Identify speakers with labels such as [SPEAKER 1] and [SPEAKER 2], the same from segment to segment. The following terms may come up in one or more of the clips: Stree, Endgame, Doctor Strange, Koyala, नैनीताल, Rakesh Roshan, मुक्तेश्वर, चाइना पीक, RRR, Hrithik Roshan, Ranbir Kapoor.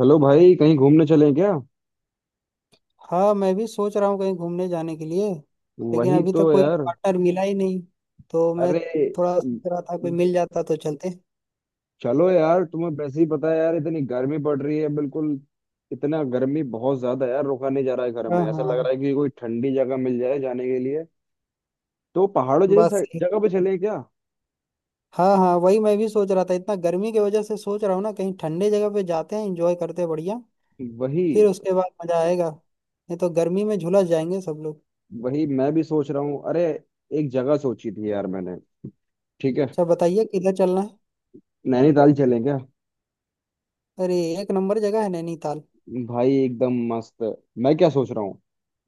[SPEAKER 1] Hello भाई, कहीं घूमने चलें क्या?
[SPEAKER 2] हाँ, मैं भी सोच रहा हूँ कहीं घूमने जाने के लिए। लेकिन
[SPEAKER 1] वही
[SPEAKER 2] अभी तक
[SPEAKER 1] तो
[SPEAKER 2] कोई
[SPEAKER 1] यार।
[SPEAKER 2] पार्टनर मिला ही नहीं, तो मैं
[SPEAKER 1] अरे,
[SPEAKER 2] थोड़ा सोच रहा था कोई मिल जाता तो चलते।
[SPEAKER 1] चलो यार, तुम्हें वैसे ही पता है यार, इतनी गर्मी पड़ रही है बिल्कुल। इतना गर्मी बहुत ज्यादा यार, रुका नहीं जा रहा है घर
[SPEAKER 2] हाँ,
[SPEAKER 1] में। ऐसा लग रहा
[SPEAKER 2] हाँ।
[SPEAKER 1] है कि कोई ठंडी जगह मिल जाए जाने के लिए। तो पहाड़ों जैसी
[SPEAKER 2] बस एक-
[SPEAKER 1] जगह पे चलें क्या?
[SPEAKER 2] हाँ, हाँ, वही मैं भी सोच रहा था। इतना गर्मी की वजह से सोच रहा हूँ ना, कहीं ठंडे जगह पे जाते हैं, एंजॉय करते हैं, बढ़िया।
[SPEAKER 1] वही
[SPEAKER 2] फिर उसके बाद मजा आएगा, नहीं तो गर्मी में झुलस जाएंगे सब लोग।
[SPEAKER 1] वही, मैं भी सोच रहा हूँ। अरे, एक जगह सोची थी यार मैंने। ठीक है,
[SPEAKER 2] सब बताइए किधर चलना है।
[SPEAKER 1] नैनीताल चलें क्या?
[SPEAKER 2] अरे, एक नंबर जगह है नैनीताल।
[SPEAKER 1] भाई, एकदम मस्त। मैं क्या सोच रहा हूँ,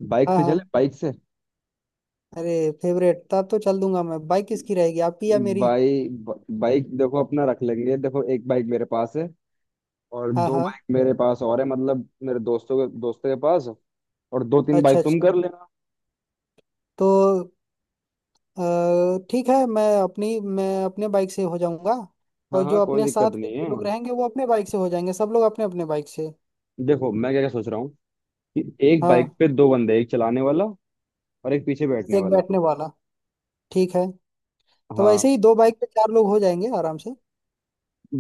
[SPEAKER 1] बाइक
[SPEAKER 2] हाँ,
[SPEAKER 1] से
[SPEAKER 2] हाँ।
[SPEAKER 1] चले, बाइक से।
[SPEAKER 2] अरे, फेवरेट, तब तो चल दूंगा मैं। बाइक किसकी रहेगी, आपकी या मेरी?
[SPEAKER 1] भाई, बाइक देखो, अपना रख लेंगे। देखो, एक बाइक मेरे पास है, और
[SPEAKER 2] हाँ,
[SPEAKER 1] दो
[SPEAKER 2] हाँ।
[SPEAKER 1] बाइक मेरे पास और है, मतलब मेरे दोस्तों के पास। और दो तीन
[SPEAKER 2] अच्छा,
[SPEAKER 1] बाइक तुम
[SPEAKER 2] अच्छा।
[SPEAKER 1] कर लेना।
[SPEAKER 2] तो अ, ठीक है, मैं अपने बाइक से हो जाऊंगा।
[SPEAKER 1] हाँ
[SPEAKER 2] और
[SPEAKER 1] हाँ,
[SPEAKER 2] जो
[SPEAKER 1] कोई
[SPEAKER 2] अपने
[SPEAKER 1] दिक्कत
[SPEAKER 2] साथ के
[SPEAKER 1] नहीं
[SPEAKER 2] जो
[SPEAKER 1] है।
[SPEAKER 2] लोग रहेंगे वो अपने बाइक से हो जाएंगे, सब लोग अपने अपने बाइक से।
[SPEAKER 1] देखो, मैं क्या क्या सोच रहा हूँ कि एक बाइक
[SPEAKER 2] हाँ,
[SPEAKER 1] पे दो बंदे, एक चलाने वाला और एक पीछे बैठने
[SPEAKER 2] एक
[SPEAKER 1] वाला।
[SPEAKER 2] बैठने वाला। ठीक है। तो
[SPEAKER 1] हाँ,
[SPEAKER 2] वैसे ही दो बाइक पे चार लोग हो जाएंगे आराम से।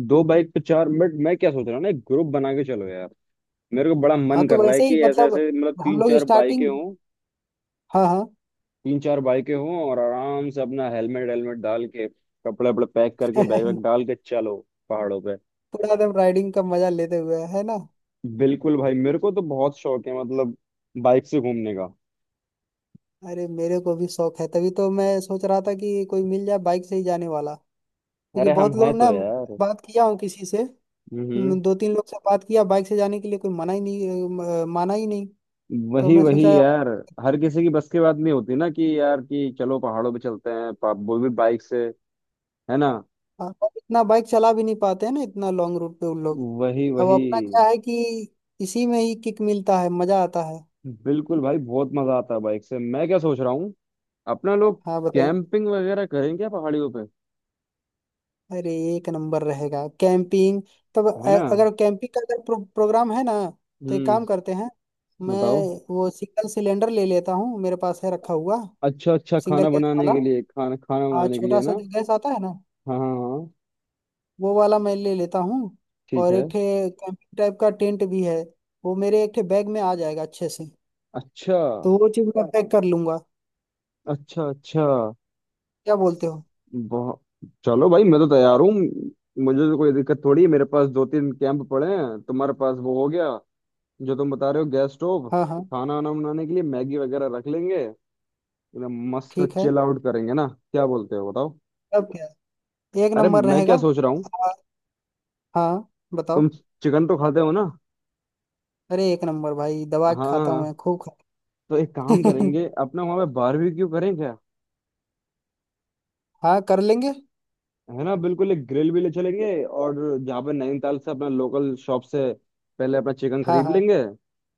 [SPEAKER 1] दो बाइक पे चार। मिनट, मैं क्या सोच रहा हूँ ना, एक ग्रुप बना के चलो यार। मेरे को बड़ा
[SPEAKER 2] हाँ,
[SPEAKER 1] मन
[SPEAKER 2] तो
[SPEAKER 1] कर रहा है
[SPEAKER 2] वैसे ही
[SPEAKER 1] कि ऐसे
[SPEAKER 2] मतलब
[SPEAKER 1] ऐसे, मतलब
[SPEAKER 2] हम
[SPEAKER 1] तीन
[SPEAKER 2] लोग
[SPEAKER 1] चार बाइकें
[SPEAKER 2] स्टार्टिंग।
[SPEAKER 1] हों।
[SPEAKER 2] हाँ, हाँ।
[SPEAKER 1] तीन चार बाइकें हों और आराम से अपना हेलमेट हेलमेट डाल के, कपड़े वपड़े पैक करके, बैग वैग डाल के चलो पहाड़ों पे।
[SPEAKER 2] पूरा एकदम राइडिंग का मजा लेते हुए, है ना?
[SPEAKER 1] बिल्कुल भाई, मेरे को तो बहुत शौक है, मतलब बाइक से घूमने का।
[SPEAKER 2] अरे, मेरे को भी शौक है, तभी तो मैं सोच रहा था कि कोई मिल जाए बाइक से ही जाने वाला। क्योंकि
[SPEAKER 1] अरे, हम
[SPEAKER 2] बहुत
[SPEAKER 1] है
[SPEAKER 2] लोग
[SPEAKER 1] तो
[SPEAKER 2] ना,
[SPEAKER 1] यार।
[SPEAKER 2] बात किया हूँ किसी से।
[SPEAKER 1] हम्म।
[SPEAKER 2] दो तीन लोग से बात किया बाइक से जाने के लिए, कोई मना ही नहीं, माना ही नहीं। तो
[SPEAKER 1] वही
[SPEAKER 2] मैं
[SPEAKER 1] वही
[SPEAKER 2] सोचा अब।
[SPEAKER 1] यार, हर किसी की बस की बात नहीं होती ना कि यार कि चलो पहाड़ों पे चलते हैं, वो भी बाइक से। है ना?
[SPEAKER 2] हाँ, अब इतना बाइक चला भी नहीं पाते हैं ना, इतना लॉन्ग रूट पे उन लोग।
[SPEAKER 1] वही
[SPEAKER 2] अब
[SPEAKER 1] वही।
[SPEAKER 2] अपना क्या है कि इसी में ही किक मिलता है, मजा आता है।
[SPEAKER 1] बिल्कुल भाई, बहुत मजा आता है बाइक से। मैं क्या सोच रहा हूँ, अपना लोग
[SPEAKER 2] हाँ, बताइए।
[SPEAKER 1] कैंपिंग वगैरह करेंगे पहाड़ियों पे,
[SPEAKER 2] अरे, एक नंबर रहेगा कैंपिंग। तब
[SPEAKER 1] है ना?
[SPEAKER 2] अगर कैंपिंग का अगर प्रोग्राम है ना, तो एक
[SPEAKER 1] हम्म,
[SPEAKER 2] काम करते हैं। मैं
[SPEAKER 1] बताओ।
[SPEAKER 2] वो सिंगल सिलेंडर ले लेता हूँ, मेरे पास है रखा हुआ।
[SPEAKER 1] अच्छा अच्छा,
[SPEAKER 2] सिंगल
[SPEAKER 1] खाना
[SPEAKER 2] गैस
[SPEAKER 1] बनाने
[SPEAKER 2] वाला,
[SPEAKER 1] के लिए, खाना खाना
[SPEAKER 2] और
[SPEAKER 1] बनाने के लिए
[SPEAKER 2] छोटा सा
[SPEAKER 1] ना?
[SPEAKER 2] जो गैस आता है ना,
[SPEAKER 1] हाँ हाँ हाँ,
[SPEAKER 2] वो वाला मैं ले लेता हूँ।
[SPEAKER 1] ठीक
[SPEAKER 2] और
[SPEAKER 1] है।
[SPEAKER 2] एक ठे कैंपिंग टाइप का टेंट भी है, वो मेरे एक ठे बैग में आ जाएगा अच्छे से।
[SPEAKER 1] अच्छा
[SPEAKER 2] तो वो चीज़ मैं पैक कर लूंगा।
[SPEAKER 1] अच्छा। अच्छा,
[SPEAKER 2] क्या बोलते हो?
[SPEAKER 1] बहुत। चलो भाई, मैं तो तैयार हूँ। मुझे तो कोई दिक्कत थोड़ी है, मेरे पास दो तीन कैंप पड़े हैं, तुम्हारे पास वो हो गया जो तुम बता रहे हो, गैस स्टोव।
[SPEAKER 2] हाँ, हाँ।
[SPEAKER 1] खाना वाना बनाने के लिए मैगी वगैरह रख लेंगे। एकदम मस्त
[SPEAKER 2] ठीक है।
[SPEAKER 1] चिल आउट करेंगे ना। क्या बोलते हो, बताओ।
[SPEAKER 2] अब क्या, एक
[SPEAKER 1] अरे,
[SPEAKER 2] नंबर
[SPEAKER 1] मैं
[SPEAKER 2] रहेगा।
[SPEAKER 1] क्या सोच रहा हूँ,
[SPEAKER 2] हाँ, हाँ,
[SPEAKER 1] तुम
[SPEAKER 2] बताओ।
[SPEAKER 1] चिकन तो खाते हो ना?
[SPEAKER 2] अरे, एक नंबर भाई, दवा
[SPEAKER 1] हाँ
[SPEAKER 2] के
[SPEAKER 1] हाँ
[SPEAKER 2] खाता हूँ,
[SPEAKER 1] हाँ,
[SPEAKER 2] मैं खूब खा।
[SPEAKER 1] तो एक काम करेंगे, अपना वहां पे बारबेक्यू करें क्या।
[SPEAKER 2] हाँ, कर लेंगे।
[SPEAKER 1] है ना, बिल्कुल। एक ग्रिल भी ले चलेंगे। और जहाँ पे नैनीताल से, अपना लोकल शॉप से पहले अपना चिकन
[SPEAKER 2] हाँ,
[SPEAKER 1] खरीद
[SPEAKER 2] हाँ।
[SPEAKER 1] लेंगे।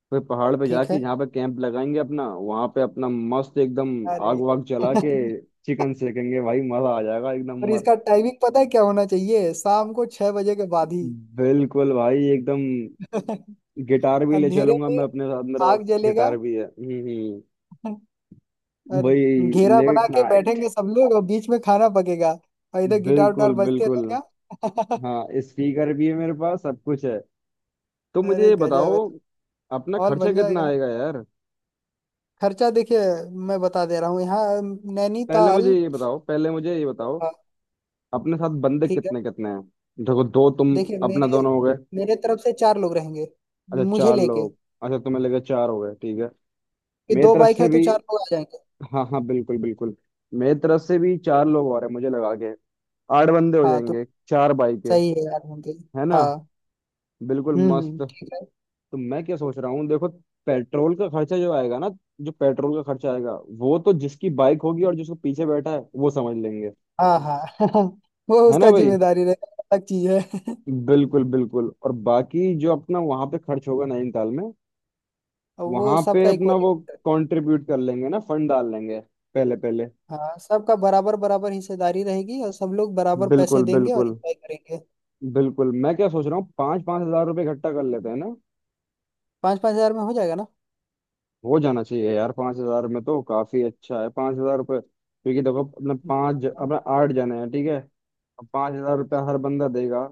[SPEAKER 1] फिर पहाड़ पे
[SPEAKER 2] ठीक
[SPEAKER 1] जाके
[SPEAKER 2] है।
[SPEAKER 1] जहाँ पे कैंप लगाएंगे अपना, वहाँ पे अपना मस्त एकदम
[SPEAKER 2] अरे।
[SPEAKER 1] आग वाग जला के चिकन सेकेंगे भाई। मजा आ जाएगा एकदम
[SPEAKER 2] और
[SPEAKER 1] मर
[SPEAKER 2] इसका टाइमिंग पता है क्या होना चाहिए? शाम को 6 बजे के बाद ही।
[SPEAKER 1] बिल्कुल भाई, एकदम। गिटार भी ले
[SPEAKER 2] अंधेरे
[SPEAKER 1] चलूंगा
[SPEAKER 2] में
[SPEAKER 1] मैं अपने साथ, मेरे पास
[SPEAKER 2] आग जलेगा।
[SPEAKER 1] गिटार भी है।
[SPEAKER 2] और
[SPEAKER 1] वही।
[SPEAKER 2] घेरा बना
[SPEAKER 1] लेट
[SPEAKER 2] के
[SPEAKER 1] नाइट।
[SPEAKER 2] बैठेंगे सब लोग, और बीच में खाना पकेगा। और इधर गिटार उटार
[SPEAKER 1] बिल्कुल
[SPEAKER 2] बजते
[SPEAKER 1] बिल्कुल।
[SPEAKER 2] रहेगा।
[SPEAKER 1] हाँ, स्पीकर भी है मेरे पास, सब कुछ है। तो मुझे
[SPEAKER 2] अरे,
[SPEAKER 1] ये बताओ,
[SPEAKER 2] गजब है।
[SPEAKER 1] अपना
[SPEAKER 2] हॉल
[SPEAKER 1] खर्चा
[SPEAKER 2] बन
[SPEAKER 1] कितना
[SPEAKER 2] जाएगा।
[SPEAKER 1] आएगा यार?
[SPEAKER 2] खर्चा देखिए, मैं बता दे रहा हूँ, यहाँ
[SPEAKER 1] पहले मुझे
[SPEAKER 2] नैनीताल।
[SPEAKER 1] ये बताओ, पहले मुझे ये बताओ,
[SPEAKER 2] हाँ।
[SPEAKER 1] अपने साथ बंदे
[SPEAKER 2] ठीक है।
[SPEAKER 1] कितने कितने हैं। देखो, दो तुम,
[SPEAKER 2] देखिए,
[SPEAKER 1] अपना
[SPEAKER 2] मेरे
[SPEAKER 1] दोनों हो गए।
[SPEAKER 2] मेरे तरफ से चार लोग रहेंगे,
[SPEAKER 1] अच्छा,
[SPEAKER 2] मुझे
[SPEAKER 1] चार
[SPEAKER 2] लेके।
[SPEAKER 1] लोग। अच्छा, तुम्हें लगे चार हो गए, ठीक है।
[SPEAKER 2] कि
[SPEAKER 1] मेरी
[SPEAKER 2] दो
[SPEAKER 1] तरफ
[SPEAKER 2] बाइक
[SPEAKER 1] से
[SPEAKER 2] है तो
[SPEAKER 1] भी,
[SPEAKER 2] चार लोग आ जाएंगे।
[SPEAKER 1] हाँ हाँ, बिल्कुल बिल्कुल। मेरी तरफ से भी चार लोग और हैं, मुझे लगा के आठ बंदे हो
[SPEAKER 2] हाँ, तो
[SPEAKER 1] जाएंगे, चार बाइक है।
[SPEAKER 2] सही है यार, होंगे।
[SPEAKER 1] है ना?
[SPEAKER 2] हाँ।
[SPEAKER 1] बिल्कुल
[SPEAKER 2] हम्म,
[SPEAKER 1] मस्त। तो
[SPEAKER 2] ठीक है।
[SPEAKER 1] मैं क्या सोच रहा हूँ, देखो, पेट्रोल का खर्चा जो आएगा ना, जो पेट्रोल का खर्चा आएगा वो तो जिसकी बाइक होगी और जिसको पीछे बैठा है वो समझ लेंगे।
[SPEAKER 2] हाँ, हाँ। वो
[SPEAKER 1] है ना
[SPEAKER 2] उसका
[SPEAKER 1] भाई?
[SPEAKER 2] जिम्मेदारी रहेगा, अलग चीज है।
[SPEAKER 1] बिल्कुल बिल्कुल। और बाकी जो अपना वहां पे खर्च होगा नैनीताल में,
[SPEAKER 2] और वो
[SPEAKER 1] वहां पे
[SPEAKER 2] सबका इक्वल।
[SPEAKER 1] अपना वो कंट्रीब्यूट कर लेंगे ना, फंड डाल लेंगे पहले पहले।
[SPEAKER 2] हाँ, सबका बराबर बराबर हिस्सेदारी रहेगी, और सब लोग बराबर पैसे
[SPEAKER 1] बिल्कुल
[SPEAKER 2] देंगे और
[SPEAKER 1] बिल्कुल
[SPEAKER 2] इंजॉय करेंगे।
[SPEAKER 1] बिल्कुल। मैं क्या सोच रहा हूँ, 5-5 हज़ार रुपये इकट्ठा कर लेते हैं ना।
[SPEAKER 2] पाँच पाँच हजार में हो जाएगा ना?
[SPEAKER 1] हो जाना चाहिए यार, 5 हज़ार में तो। काफी अच्छा है, 5 हज़ार रुपये। क्योंकि देखो,
[SPEAKER 2] हाँ,
[SPEAKER 1] अपने 8 जने हैं, ठीक है। अब 5 हज़ार रुपया हर बंदा देगा,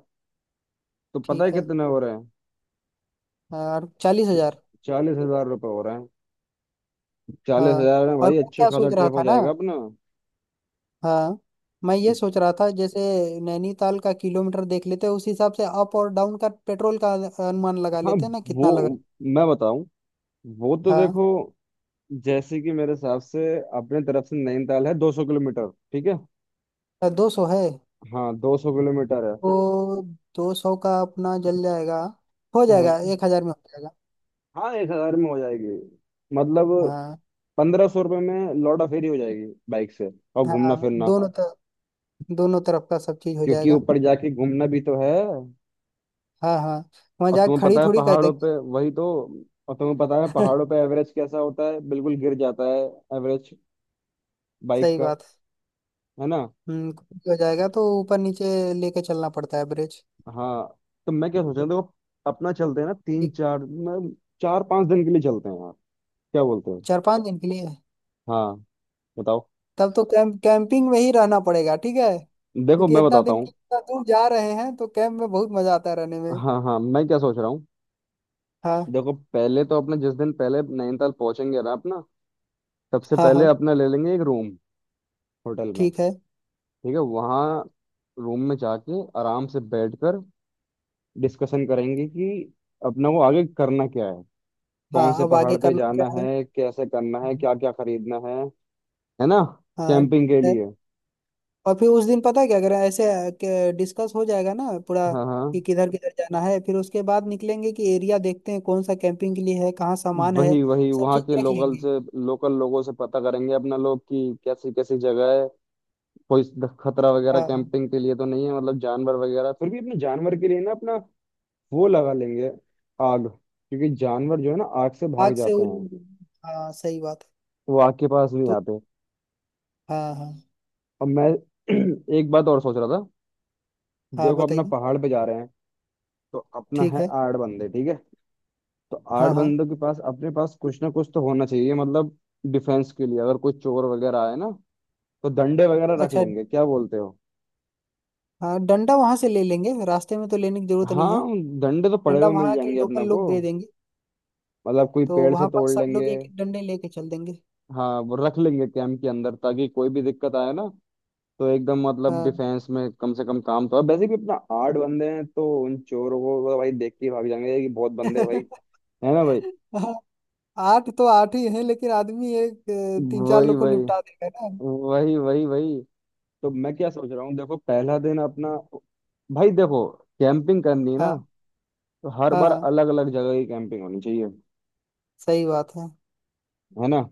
[SPEAKER 1] तो पता है
[SPEAKER 2] ठीक है।
[SPEAKER 1] कितने हो रहे हैं?
[SPEAKER 2] और 40,000।
[SPEAKER 1] 40 हज़ार रुपये हो रहे हैं। चालीस
[SPEAKER 2] हाँ।
[SPEAKER 1] हजार में
[SPEAKER 2] और
[SPEAKER 1] भाई
[SPEAKER 2] मैं
[SPEAKER 1] अच्छे
[SPEAKER 2] क्या
[SPEAKER 1] खासा
[SPEAKER 2] सोच रहा
[SPEAKER 1] ट्रिप हो
[SPEAKER 2] था ना।
[SPEAKER 1] जाएगा अपना।
[SPEAKER 2] हाँ। मैं ये सोच रहा था, जैसे, नैनीताल का किलोमीटर देख लेते हैं, उस हिसाब से अप और डाउन का पेट्रोल का अनुमान लगा
[SPEAKER 1] हाँ,
[SPEAKER 2] लेते हैं ना कितना लगा।
[SPEAKER 1] वो मैं बताऊं, वो तो देखो,
[SPEAKER 2] हाँ,
[SPEAKER 1] जैसे कि मेरे हिसाब से अपने तरफ से नैनीताल है 200 किलोमीटर, ठीक है।
[SPEAKER 2] तो 200 है।
[SPEAKER 1] हाँ, 200 किलोमीटर है।
[SPEAKER 2] तो 200 का अपना जल जाएगा, हो जाएगा,
[SPEAKER 1] हाँ
[SPEAKER 2] 1,000 में हो जाएगा।
[SPEAKER 1] हाँ, 1 हज़ार में हो जाएगी। मतलब
[SPEAKER 2] हाँ,
[SPEAKER 1] 1,500 रुपये में लौटा फेरी हो जाएगी बाइक से, और घूमना
[SPEAKER 2] हाँ,
[SPEAKER 1] फिरना।
[SPEAKER 2] दोनों तरफ। दोनों तरफ का सब चीज हो
[SPEAKER 1] क्योंकि
[SPEAKER 2] जाएगा।
[SPEAKER 1] ऊपर जाके घूमना भी तो है।
[SPEAKER 2] हाँ, हाँ। वहां
[SPEAKER 1] और
[SPEAKER 2] जाके
[SPEAKER 1] तुम्हें
[SPEAKER 2] खड़ी
[SPEAKER 1] पता है
[SPEAKER 2] थोड़ी कर
[SPEAKER 1] पहाड़ों
[SPEAKER 2] देंगे।
[SPEAKER 1] पे, वही तो। और तुम्हें पता है पहाड़ों पे एवरेज कैसा होता है, बिल्कुल गिर जाता है एवरेज बाइक
[SPEAKER 2] सही
[SPEAKER 1] का।
[SPEAKER 2] बात है।
[SPEAKER 1] है ना?
[SPEAKER 2] कुछ भी हो जाएगा तो ऊपर नीचे लेके चलना पड़ता है ब्रिज।
[SPEAKER 1] हाँ। तो मैं क्या सोच रहा हूँ, देखो अपना चलते हैं ना, तीन
[SPEAKER 2] एक,
[SPEAKER 1] चार, मैं 4-5 दिन के लिए चलते हैं, क्या बोलते हो?
[SPEAKER 2] चार पांच दिन के लिए।
[SPEAKER 1] हाँ, बताओ।
[SPEAKER 2] तब तो कैंप कैंपिंग में ही रहना पड़ेगा, ठीक है,
[SPEAKER 1] देखो,
[SPEAKER 2] क्योंकि
[SPEAKER 1] मैं
[SPEAKER 2] इतना
[SPEAKER 1] बताता
[SPEAKER 2] दिन
[SPEAKER 1] हूँ।
[SPEAKER 2] इतना दूर जा रहे हैं तो कैंप में बहुत मजा आता है रहने में।
[SPEAKER 1] हाँ हाँ, मैं क्या सोच रहा हूँ,
[SPEAKER 2] हाँ,
[SPEAKER 1] देखो, पहले तो अपने जिस दिन पहले नैनीताल पहुंचेंगे ना अपना, सबसे
[SPEAKER 2] हाँ।
[SPEAKER 1] पहले
[SPEAKER 2] हाँ,
[SPEAKER 1] अपना ले लेंगे एक रूम होटल में।
[SPEAKER 2] ठीक है।
[SPEAKER 1] ठीक है, वहाँ रूम में जाके आराम से बैठकर डिस्कशन करेंगे कि अपना को आगे करना क्या है,
[SPEAKER 2] हाँ,
[SPEAKER 1] कौन से
[SPEAKER 2] अब
[SPEAKER 1] पहाड़
[SPEAKER 2] आगे
[SPEAKER 1] पे
[SPEAKER 2] करना क्या
[SPEAKER 1] जाना
[SPEAKER 2] है।
[SPEAKER 1] है, कैसे करना है, क्या क्या खरीदना है ना?
[SPEAKER 2] हाँ,
[SPEAKER 1] कैंपिंग के
[SPEAKER 2] ठीक है।
[SPEAKER 1] लिए।
[SPEAKER 2] और फिर उस दिन पता है क्या करें, ऐसे डिस्कस हो जाएगा ना पूरा,
[SPEAKER 1] हाँ हाँ।
[SPEAKER 2] कि किधर किधर जाना है, फिर उसके बाद निकलेंगे कि एरिया देखते हैं कौन सा कैंपिंग के लिए है, कहाँ सामान है,
[SPEAKER 1] वही वही,
[SPEAKER 2] सब
[SPEAKER 1] वहाँ
[SPEAKER 2] चीज
[SPEAKER 1] के
[SPEAKER 2] देख
[SPEAKER 1] लोकल
[SPEAKER 2] लेंगे।
[SPEAKER 1] से, लोकल लोगों से पता करेंगे अपना लोग कि कैसी कैसी जगह है, कोई खतरा वगैरह
[SPEAKER 2] हाँ, हाँ।
[SPEAKER 1] कैंपिंग के लिए तो नहीं है, मतलब जानवर वगैरह। फिर भी अपने जानवर के लिए ना अपना वो लगा लेंगे आग, क्योंकि जानवर जो है ना आग से भाग
[SPEAKER 2] आग से
[SPEAKER 1] जाते
[SPEAKER 2] उन,
[SPEAKER 1] हैं,
[SPEAKER 2] हाँ सही बात है।
[SPEAKER 1] वो आग के पास नहीं
[SPEAKER 2] तो,
[SPEAKER 1] आते।
[SPEAKER 2] हाँ, हाँ।
[SPEAKER 1] और मैं एक बात और सोच रहा था।
[SPEAKER 2] हाँ,
[SPEAKER 1] देखो अपना
[SPEAKER 2] बताइए।
[SPEAKER 1] पहाड़ पे जा रहे हैं, तो अपना
[SPEAKER 2] ठीक
[SPEAKER 1] है
[SPEAKER 2] है।
[SPEAKER 1] 8 बंदे, ठीक है। तो
[SPEAKER 2] हाँ,
[SPEAKER 1] आठ
[SPEAKER 2] हाँ।
[SPEAKER 1] बंदों के पास, अपने पास कुछ ना कुछ तो होना चाहिए, मतलब डिफेंस के लिए, अगर कोई चोर वगैरह आए ना, तो डंडे वगैरह रख
[SPEAKER 2] अच्छा।
[SPEAKER 1] लेंगे, क्या बोलते हो?
[SPEAKER 2] हाँ, डंडा वहां से ले लेंगे, रास्ते में तो लेने की जरूरत नहीं
[SPEAKER 1] हाँ,
[SPEAKER 2] है।
[SPEAKER 1] डंडे तो पड़े
[SPEAKER 2] डंडा
[SPEAKER 1] हुए मिल
[SPEAKER 2] वहां के
[SPEAKER 1] जाएंगे
[SPEAKER 2] लोकल
[SPEAKER 1] अपना को,
[SPEAKER 2] लोग दे देंगे।
[SPEAKER 1] मतलब कोई
[SPEAKER 2] तो
[SPEAKER 1] पेड़ से
[SPEAKER 2] वहां पर
[SPEAKER 1] तोड़
[SPEAKER 2] सब लोग
[SPEAKER 1] लेंगे।
[SPEAKER 2] एक एक डंडे लेके चल देंगे।
[SPEAKER 1] हाँ, वो रख लेंगे कैंप के अंदर, ताकि कोई भी दिक्कत आए ना, तो एकदम मतलब
[SPEAKER 2] हाँ।
[SPEAKER 1] डिफेंस में कम से कम काम तो है। वैसे भी अपना 8 बंदे हैं, तो उन चोरों को तो भाई देख के ही भाग जाएंगे कि बहुत बंदे हैं भाई। है ना भाई?
[SPEAKER 2] आठ तो आठ ही है, लेकिन आदमी एक तीन चार
[SPEAKER 1] वही
[SPEAKER 2] लोग को
[SPEAKER 1] वही
[SPEAKER 2] निपटा देगा ना।
[SPEAKER 1] वही वही वही। तो मैं क्या सोच रहा हूँ, देखो, पहला दिन अपना, भाई देखो, कैंपिंग करनी है ना,
[SPEAKER 2] हाँ,
[SPEAKER 1] तो हर
[SPEAKER 2] हाँ।
[SPEAKER 1] बार
[SPEAKER 2] हाँ,
[SPEAKER 1] अलग अलग जगह की कैंपिंग होनी चाहिए,
[SPEAKER 2] सही बात है।
[SPEAKER 1] है ना?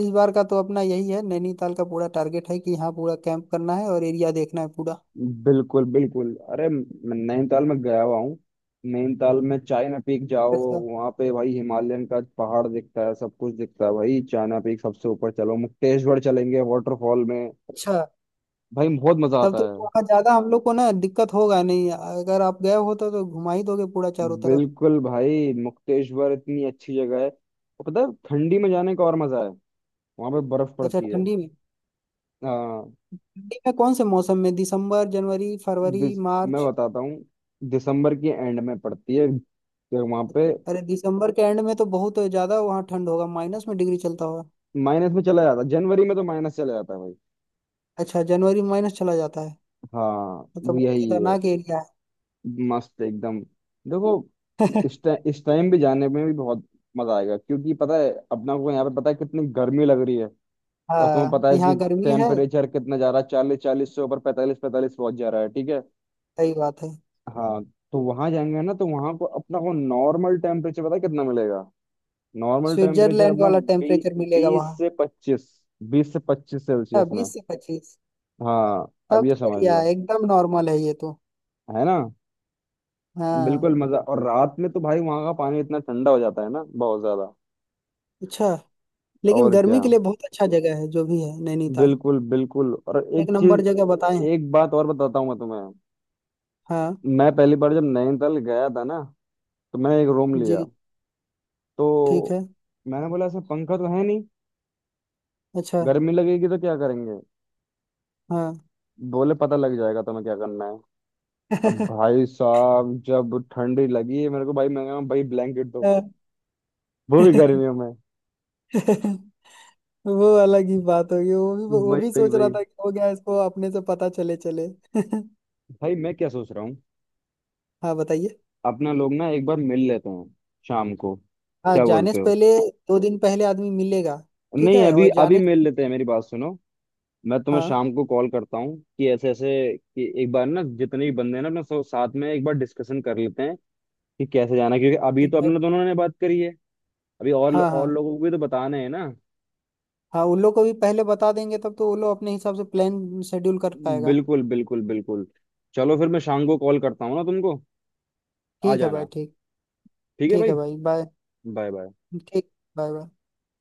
[SPEAKER 2] इस बार का तो अपना यही है, नैनीताल का पूरा टारगेट है कि यहाँ पूरा कैंप करना है और एरिया देखना है पूरा।
[SPEAKER 1] बिल्कुल बिल्कुल। अरे, मैं नैनीताल में गया हुआ हूँ। नैनीताल में चाइना पीक जाओ,
[SPEAKER 2] अच्छा।
[SPEAKER 1] वहाँ पे भाई हिमालयन का पहाड़ दिखता है, सब कुछ दिखता है भाई। चाइना पीक सबसे ऊपर। चलो मुक्तेश्वर चलेंगे, वाटरफॉल में।
[SPEAKER 2] अच्छा,
[SPEAKER 1] भाई, बहुत मजा
[SPEAKER 2] तब
[SPEAKER 1] आता
[SPEAKER 2] तो
[SPEAKER 1] है।
[SPEAKER 2] वहाँ ज्यादा हम लोग को ना दिक्कत होगा नहीं, अगर आप गए हो तो घुमा ही दोगे पूरा चारों तरफ।
[SPEAKER 1] बिल्कुल भाई, मुक्तेश्वर इतनी अच्छी जगह है। और पता है, ठंडी में जाने का और मजा है, वहां पे बर्फ
[SPEAKER 2] अच्छा,
[SPEAKER 1] पड़ती है।
[SPEAKER 2] ठंडी में।
[SPEAKER 1] हाँ,
[SPEAKER 2] ठंडी में कौन से मौसम में, दिसंबर, जनवरी, फरवरी,
[SPEAKER 1] दिस मैं
[SPEAKER 2] मार्च?
[SPEAKER 1] बताता हूँ, दिसंबर की एंड में पड़ती है। तो वहां पे
[SPEAKER 2] अरे, दिसंबर के एंड में तो बहुत ज्यादा वहाँ ठंड होगा, माइनस में डिग्री चलता होगा।
[SPEAKER 1] माइनस में चला जाता है। जनवरी में तो माइनस चला जाता है।
[SPEAKER 2] अच्छा, जनवरी माइनस चला जाता है।
[SPEAKER 1] हाँ,
[SPEAKER 2] ये तो
[SPEAKER 1] वो
[SPEAKER 2] बहुत
[SPEAKER 1] यही है।
[SPEAKER 2] खतरनाक एरिया है।
[SPEAKER 1] मस्त एकदम। देखो, इस टाइम भी जाने में भी बहुत मजा आएगा, क्योंकि पता है अपना को यहाँ पे पता है कितनी गर्मी लग रही है। और तुम्हें
[SPEAKER 2] हाँ,
[SPEAKER 1] पता है
[SPEAKER 2] यहाँ
[SPEAKER 1] कि
[SPEAKER 2] गर्मी है।
[SPEAKER 1] टेम्परेचर कितना जा रहा है, चालीस चालीस से ऊपर, पैंतालीस पैंतालीस पहुंच जा रहा है, ठीक है।
[SPEAKER 2] सही बात है।
[SPEAKER 1] हाँ। तो वहां जाएंगे ना, तो वहां को, अपना को नॉर्मल टेम्परेचर पता है कितना मिलेगा? नॉर्मल टेम्परेचर
[SPEAKER 2] स्विट्जरलैंड
[SPEAKER 1] अपना
[SPEAKER 2] वाला टेम्परेचर मिलेगा
[SPEAKER 1] बीस
[SPEAKER 2] वहाँ।
[SPEAKER 1] से पच्चीस 20 से 25 सेल्सियस में।
[SPEAKER 2] 20 से 25।
[SPEAKER 1] हाँ, अब
[SPEAKER 2] तब
[SPEAKER 1] ये
[SPEAKER 2] तो
[SPEAKER 1] समझ
[SPEAKER 2] बढ़िया
[SPEAKER 1] लो।
[SPEAKER 2] है, एकदम नॉर्मल है ये तो।
[SPEAKER 1] है ना?
[SPEAKER 2] हाँ।
[SPEAKER 1] बिल्कुल मजा। और रात में तो भाई वहां का पानी इतना ठंडा हो जाता है ना, बहुत ज्यादा।
[SPEAKER 2] अच्छा। लेकिन
[SPEAKER 1] और क्या,
[SPEAKER 2] गर्मी के लिए बहुत अच्छा जगह है जो भी है नैनीताल।
[SPEAKER 1] बिल्कुल बिल्कुल। और एक
[SPEAKER 2] एक
[SPEAKER 1] चीज,
[SPEAKER 2] नंबर जगह बताए हैं।
[SPEAKER 1] एक बात और बताता हूँ मैं तुम्हें।
[SPEAKER 2] हाँ।
[SPEAKER 1] मैं पहली बार जब नैनीताल गया था ना, तो मैंने एक रूम
[SPEAKER 2] जी।
[SPEAKER 1] लिया। तो
[SPEAKER 2] ठीक है।
[SPEAKER 1] मैंने बोला, ऐसा पंखा तो है नहीं,
[SPEAKER 2] अच्छा।
[SPEAKER 1] गर्मी लगेगी तो क्या करेंगे?
[SPEAKER 2] हाँ।
[SPEAKER 1] बोले, पता लग जाएगा तुम्हें क्या करना है। अब भाई साहब, जब ठंडी लगी मेरे को, भाई मैं कहा, भाई ब्लैंकेट दो, वो भी गर्मियों में।
[SPEAKER 2] वो अलग ही बात होगी, वो
[SPEAKER 1] वही
[SPEAKER 2] भी
[SPEAKER 1] वही
[SPEAKER 2] सोच रहा
[SPEAKER 1] वही।
[SPEAKER 2] था कि हो गया इसको अपने से पता चले चले।
[SPEAKER 1] भाई, मैं क्या सोच रहा हूँ,
[SPEAKER 2] हाँ, बताइए।
[SPEAKER 1] अपना लोग ना एक बार मिल लेते हैं, शाम को,
[SPEAKER 2] हाँ,
[SPEAKER 1] क्या
[SPEAKER 2] जाने
[SPEAKER 1] बोलते
[SPEAKER 2] से
[SPEAKER 1] हो?
[SPEAKER 2] पहले दो दिन पहले आदमी मिलेगा। ठीक
[SPEAKER 1] नहीं,
[SPEAKER 2] है।
[SPEAKER 1] अभी
[SPEAKER 2] और
[SPEAKER 1] अभी
[SPEAKER 2] जाने।
[SPEAKER 1] मिल लेते हैं, मेरी बात सुनो। मैं तुम्हें
[SPEAKER 2] हाँ,
[SPEAKER 1] शाम को कॉल करता हूँ कि ऐसे ऐसे, कि एक बार ना, जितने भी बंदे हैं ना अपने, सब साथ में एक बार डिस्कशन कर लेते हैं कि कैसे जाना है। क्योंकि अभी
[SPEAKER 2] ठीक
[SPEAKER 1] तो
[SPEAKER 2] है।
[SPEAKER 1] अपने दोनों ने बात करी है, अभी और
[SPEAKER 2] हाँ,
[SPEAKER 1] और
[SPEAKER 2] हाँ।
[SPEAKER 1] लोगों को भी तो बताना है ना।
[SPEAKER 2] हाँ, उन लोग को भी पहले बता देंगे, तब तो वो लोग अपने हिसाब से प्लान शेड्यूल कर पाएगा।
[SPEAKER 1] बिल्कुल बिल्कुल बिल्कुल। चलो फिर मैं शाम को कॉल करता हूँ ना तुमको, आ
[SPEAKER 2] ठीक है भाई,
[SPEAKER 1] जाना।
[SPEAKER 2] ठीक।
[SPEAKER 1] ठीक है
[SPEAKER 2] ठीक है
[SPEAKER 1] भाई,
[SPEAKER 2] भाई, बाय।
[SPEAKER 1] Bye bye.
[SPEAKER 2] ठीक। Bye, bye.